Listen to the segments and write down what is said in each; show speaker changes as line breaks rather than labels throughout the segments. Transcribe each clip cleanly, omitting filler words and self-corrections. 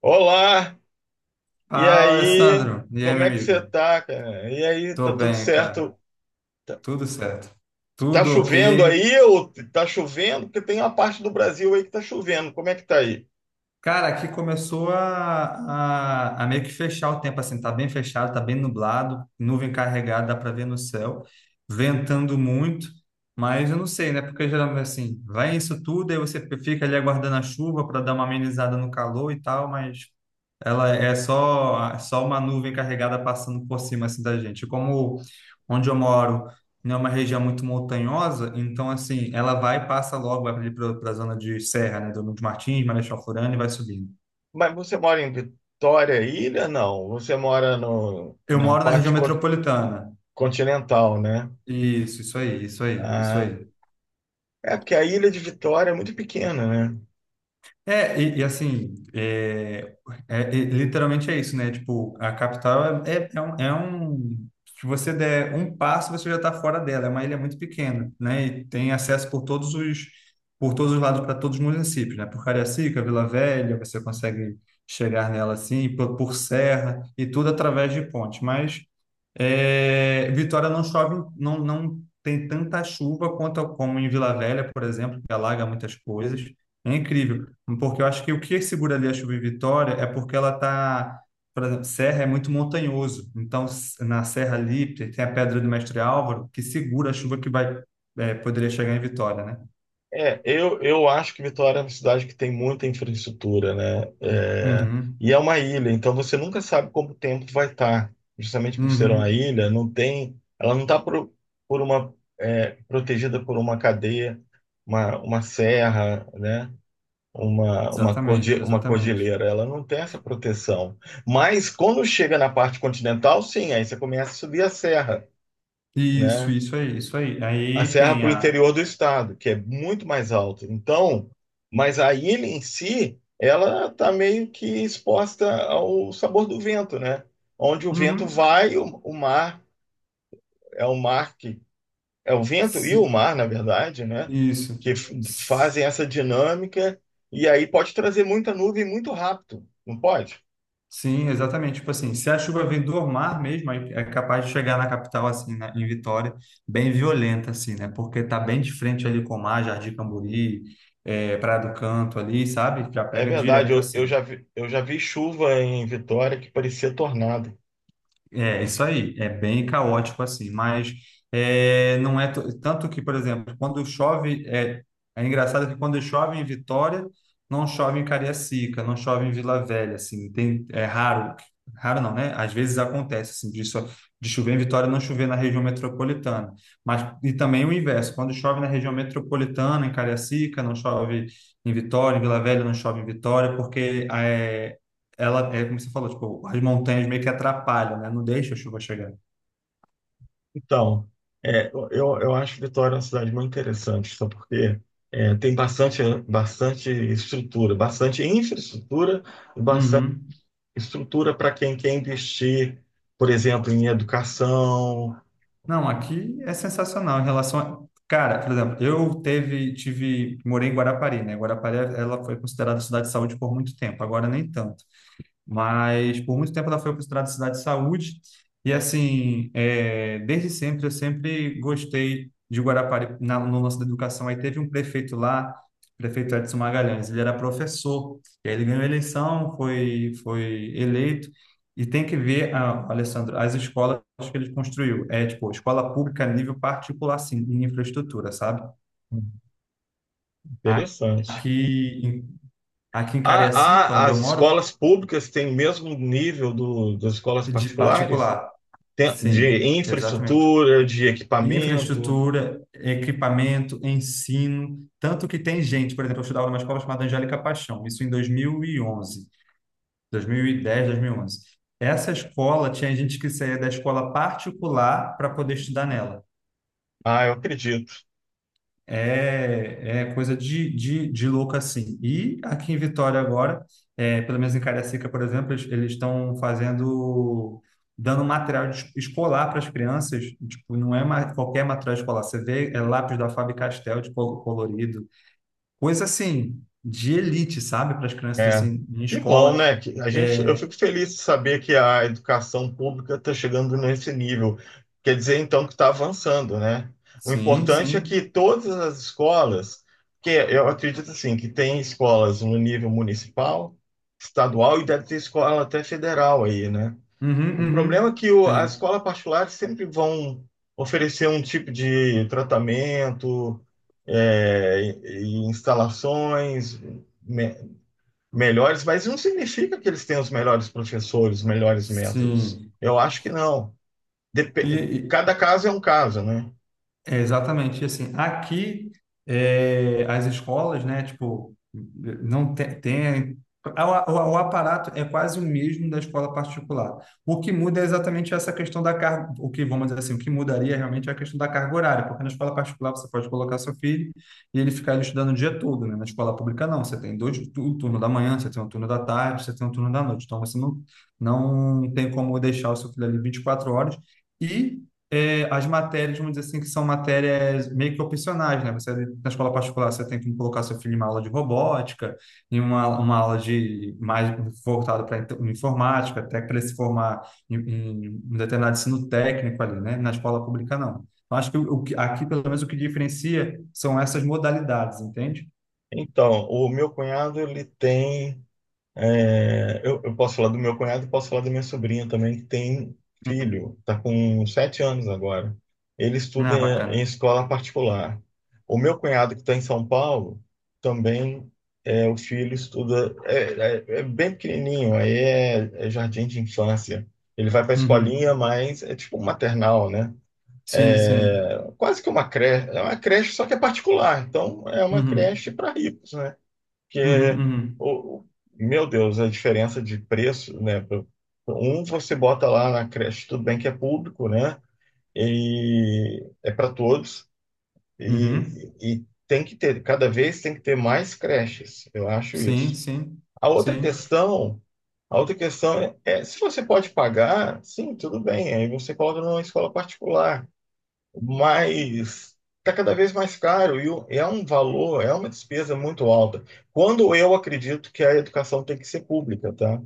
Olá, e
Fala,
aí?
Alessandro. E aí,
Como
meu
é que você
amigo?
tá, cara? E aí, tá
Tô
tudo
bem, cara.
certo? Tá,
Tudo certo.
tá
Tudo
chovendo
ok.
aí ou tá chovendo? Porque tem uma parte do Brasil aí que tá chovendo. Como é que tá aí?
Cara, aqui começou a meio que fechar o tempo, assim. Tá bem fechado, tá bem nublado, nuvem carregada, dá pra ver no céu. Ventando muito, mas eu não sei, né? Porque geralmente, assim, vai isso tudo, aí você fica ali aguardando a chuva para dar uma amenizada no calor e tal, mas ela é só uma nuvem carregada passando por cima assim da gente. Como onde eu moro não é uma região muito montanhosa, então assim, ela vai e passa logo, vai ali para a zona de Serra, né? Do Nuno de Martins, Marechal Floriano e vai subindo.
Mas você mora em Vitória, Ilha? Não, você mora no,
Eu
na
moro na região
parte
metropolitana.
continental, né?
Isso aí, isso aí, isso
Ah,
aí.
é porque a ilha de Vitória é muito pequena, né?
É, e assim, literalmente é isso, né? Tipo, a capital se você der um passo, você já está fora dela. É uma ilha muito pequena, né? E tem acesso por todos os lados para todos os municípios, né? Por Cariacica, Vila Velha, você consegue chegar nela assim, por Serra, e tudo através de ponte. Mas é, Vitória não chove, não, não tem tanta chuva quanto como em Vila Velha, por exemplo, que alaga muitas coisas. É incrível, porque eu acho que o que segura ali a chuva em Vitória é porque ela tá, por exemplo, Serra é muito montanhoso, então na Serra ali tem a Pedra do Mestre Álvaro que segura a chuva que vai poderia chegar em Vitória, né?
É, eu acho que Vitória é uma cidade que tem muita infraestrutura, né? É,
Uhum,
e é uma ilha, então você nunca sabe como o tempo vai estar. Justamente por ser uma
uhum,
ilha, não tem, ela não está por uma protegida por uma cadeia, uma serra, né?
exatamente,
Uma
exatamente.
cordilheira, ela não tem essa proteção. Mas quando chega na parte continental, sim, aí você começa a subir a serra,
Isso,
né?
isso aí, isso aí.
A
Aí
serra
tem
para o
a,
interior do estado, que é muito mais alto. Então, mas a ilha em si, ela está meio que exposta ao sabor do vento, né? Onde o vento
uhum,
vai, o mar é o mar que é o vento e o
se-
mar, na verdade, né?
isso.
Que fazem essa dinâmica e aí pode trazer muita nuvem muito rápido, não pode?
Sim, exatamente. Tipo assim, se a chuva vem do mar mesmo, aí é capaz de chegar na capital, assim, né, em Vitória, bem violenta, assim, né? Porque tá bem de frente ali com o mar, Jardim Camburi, Praia do Canto ali, sabe? Já
É
pega
verdade,
direto, assim.
eu já vi chuva em Vitória que parecia tornado.
É, isso aí, é bem caótico assim, mas não é tanto que, por exemplo, quando chove, é engraçado que quando chove em Vitória, não chove em Cariacica, não chove em Vila Velha, assim, tem, é raro, raro não, né? Às vezes acontece, assim, de, de chover em Vitória, não chover na região metropolitana, mas, e também o inverso, quando chove na região metropolitana, em Cariacica, não chove em Vitória, em Vila Velha, não chove em Vitória, porque ela é como você falou, tipo, as montanhas meio que atrapalham, né? Não deixa a chuva chegar.
Então, é, eu acho Vitória uma cidade muito interessante, só porque é, tem bastante, bastante estrutura, bastante infraestrutura e bastante
Uhum.
estrutura para quem quer investir, por exemplo, em educação.
Não, aqui é sensacional em relação a... Cara, por exemplo, eu tive, morei em Guarapari, né? Guarapari, ela foi considerada cidade de saúde por muito tempo, agora nem tanto. Mas por muito tempo ela foi considerada cidade de saúde. E assim, é, desde sempre, eu sempre gostei de Guarapari no lance da educação. Aí teve um prefeito lá, prefeito Edson Magalhães, ele era professor, e aí ele ganhou a eleição, foi eleito. E tem que ver, ah, Alessandro, as escolas que ele construiu. É tipo, escola pública a nível particular, sim, em infraestrutura, sabe?
Interessante.
Aqui, aqui em Cariacica, onde eu
As
moro,
escolas públicas têm o mesmo nível das escolas
de
particulares?
particular. Sim,
De
exatamente.
infraestrutura, de equipamento?
Infraestrutura, equipamento, ensino, tanto que tem gente, por exemplo, eu estudava numa escola chamada Angélica Paixão, isso em 2011, 2010, 2011. Essa escola tinha gente que saía da escola particular para poder estudar nela.
Ah, eu acredito.
É coisa de louco assim. E aqui em Vitória agora, é, pelo menos em Cariacica, por exemplo, eles estão fazendo, dando material escolar para as crianças. Tipo, não é qualquer material escolar. Você vê é lápis da Faber-Castell de colorido, coisa assim de elite, sabe? Para as crianças
É,
assim em
que bom,
escola.
né? Que a gente, eu
É,
fico feliz de saber que a educação pública está chegando nesse nível. Quer dizer, então, que está avançando, né? O
sim,
importante é que
sim.
todas as escolas, que eu acredito assim, que tem escolas no nível municipal, estadual e deve ter escola até federal aí, né?
Uhum,
O problema é
uhum.
que a
Tem.
escola particular sempre vão oferecer um tipo de tratamento, e instalações melhores, mas não significa que eles tenham os melhores professores, os melhores métodos.
Sim.
Eu acho que não.
E,
Cada caso é um caso, né?
é, exatamente, e assim, aqui as escolas, né, tipo, não tem, o, o aparato é quase o mesmo da escola particular. O que muda é exatamente essa questão da carga, o que, vamos dizer assim, o que mudaria realmente é a questão da carga horária, porque na escola particular você pode colocar seu filho e ele ficar ali estudando o dia todo, né? Na escola pública não, você tem o turno da manhã, você tem um turno da tarde, você tem um turno da noite, então você não, não tem como deixar o seu filho ali 24 horas, e é, as matérias, vamos dizer assim, que são matérias meio que opcionais, né? Você, na escola particular, você tem que colocar seu filho em uma aula de robótica, em uma aula de mais voltada para informática, até para ele se formar em um determinado ensino técnico ali, né? Na escola pública, não. Então, acho que o que- aqui, pelo menos, o que diferencia são essas modalidades, entende?
Então, o meu cunhado, ele tem. É, eu posso falar do meu cunhado, posso falar da minha sobrinha também, que tem
Uhum.
filho, está com 7 anos agora. Ele estuda
Ah,
em
bacana.
escola particular. O meu cunhado, que está em São Paulo, também é, o filho estuda, é bem pequenininho, aí é jardim de infância. Ele vai para a
Uhum.
escolinha, mas é tipo um maternal, né?
Sim, sim.
É, quase que uma creche, é uma creche, só que é particular. Então, é uma
Uhum.
creche para ricos, né?
Uhum,
Porque,
uhum.
o, meu Deus, a diferença de preço, né? Um você bota lá na creche, tudo bem que é público, né? E é para todos. E,
Uhum.
e tem que ter, cada vez tem que ter mais creches, eu acho
Sim,
isso.
sim.
A outra
Sim.
questão, a outra questão é, é se você pode pagar, sim, tudo bem, aí você coloca numa escola particular, mas está cada vez mais caro e é um valor, é uma despesa muito alta. Quando eu acredito que a educação tem que ser pública, tá?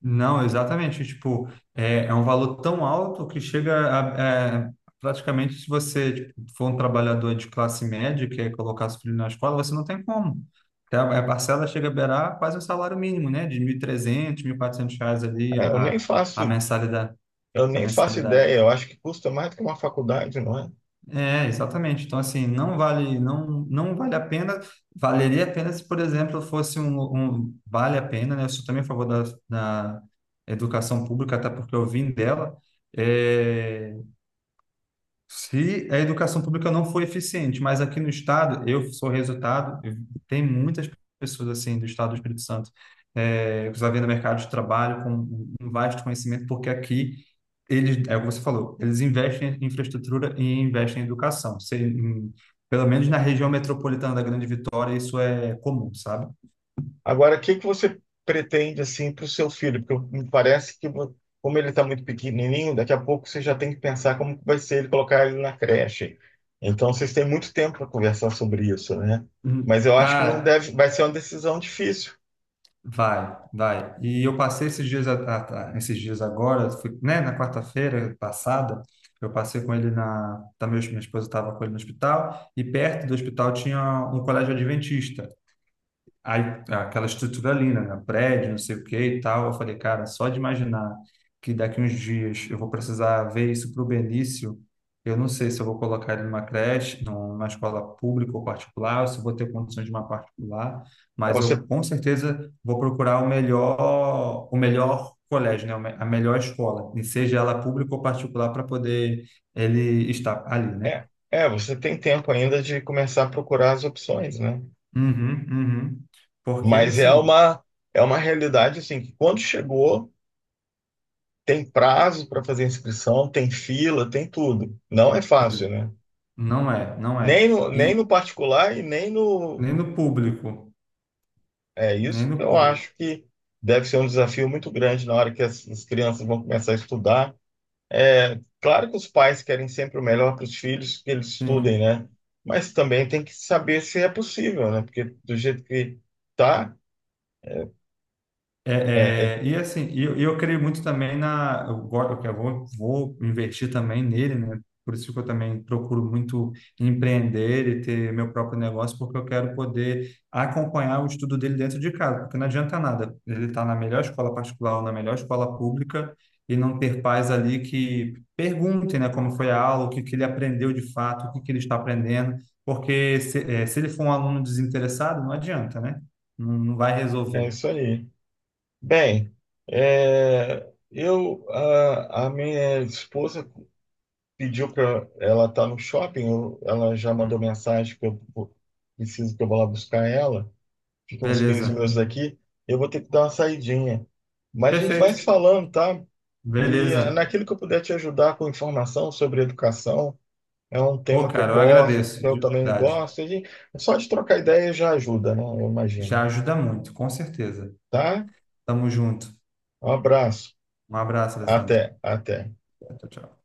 Não, exatamente. Tipo, é um valor tão alto que chega a, praticamente se você tipo, for um trabalhador de classe média e quer colocar seu filho na escola, você não tem como. Porque a parcela chega a beirar quase o salário mínimo, né? De 1.300, 400 reais ali
É,
a a mensalidade,
eu
a
nem faço ideia,
mensalidade.
eu acho que custa mais do que uma faculdade, não é?
É, exatamente. Então, assim, não vale, não, não vale a pena, valeria a pena se, por exemplo, fosse vale a pena, né? Eu sou também a favor da educação pública, até porque eu vim dela. É, se a educação pública não foi eficiente, mas aqui no estado, eu sou resultado, tem muitas pessoas assim do estado do Espírito Santo, que já vêm no mercado de trabalho com um vasto conhecimento, porque aqui eles, é o que você falou, eles investem em infraestrutura e investem em educação. Pelo menos na região metropolitana da Grande Vitória, isso é comum, sabe?
Agora, o que que você pretende assim para o seu filho? Porque me parece que como ele está muito pequenininho, daqui a pouco você já tem que pensar como que vai ser ele colocar ele na creche. Então, vocês têm muito tempo para conversar sobre isso, né? Mas eu acho que não
Cara,
deve, vai ser uma decisão difícil.
vai, vai. E eu passei esses dias, esses dias agora, né, na quarta-feira passada, eu passei com ele minha esposa estava com ele no hospital, e perto do hospital tinha um colégio adventista. Aí, aquela estrutura ali, né? prédio, não sei o que e tal. Eu falei, cara, só de imaginar que daqui uns dias eu vou precisar ver isso para o Benício, eu não sei se eu vou colocar ele numa creche, numa escola pública ou particular, ou se eu vou ter condições de uma particular,
É,
mas
Você.
eu com certeza vou procurar o melhor colégio, né? A melhor escola, e seja ela pública ou particular, para poder ele estar ali, né?
É, é, você tem tempo ainda de começar a procurar as opções, né?
Uhum, uhum. Porque,
Mas é
assim,
uma, é uma realidade assim que quando chegou, tem prazo para fazer inscrição, tem fila, tem tudo. Não é fácil, né?
não é, não é.
Nem no
E
particular e nem no.
nem no público,
É
nem
isso que
no
eu
público.
acho que deve ser um desafio muito grande na hora que as crianças vão começar a estudar. É, claro que os pais querem sempre o melhor para os filhos que eles estudem,
Sim.
né? Mas também tem que saber se é possível, né? Porque do jeito que tá, é,
E assim, e eu creio muito também na. Eu vou investir também nele, né? Por isso que eu também procuro muito empreender e ter meu próprio negócio, porque eu quero poder acompanhar o estudo dele dentro de casa, porque não adianta nada. Ele está na melhor escola particular ou na melhor escola pública e não ter pais ali que perguntem, né, como foi a aula, o que, que ele aprendeu de fato, o que, que ele está aprendendo, porque se, se ele for um aluno desinteressado, não adianta, né? Não, não vai resolver.
é isso aí. Bem, é, a minha esposa pediu para ela tá no shopping, ela já mandou mensagem que preciso que eu vá lá buscar ela. Fica uns 15
Beleza.
minutos daqui. Eu vou ter que dar uma saidinha. Mas a gente vai se
Perfeito.
falando, tá? E é,
Beleza.
naquilo que eu puder te ajudar com informação sobre educação, é um
Pô,
tema que eu
cara, eu
gosto, que
agradeço,
eu
de
também
verdade.
gosto. E só de trocar ideia já ajuda, né? Eu imagino.
Já ajuda muito, com certeza.
Tá?
Tamo junto.
Um abraço.
Um abraço, Alessandro.
Até, até.
Tchau, tchau.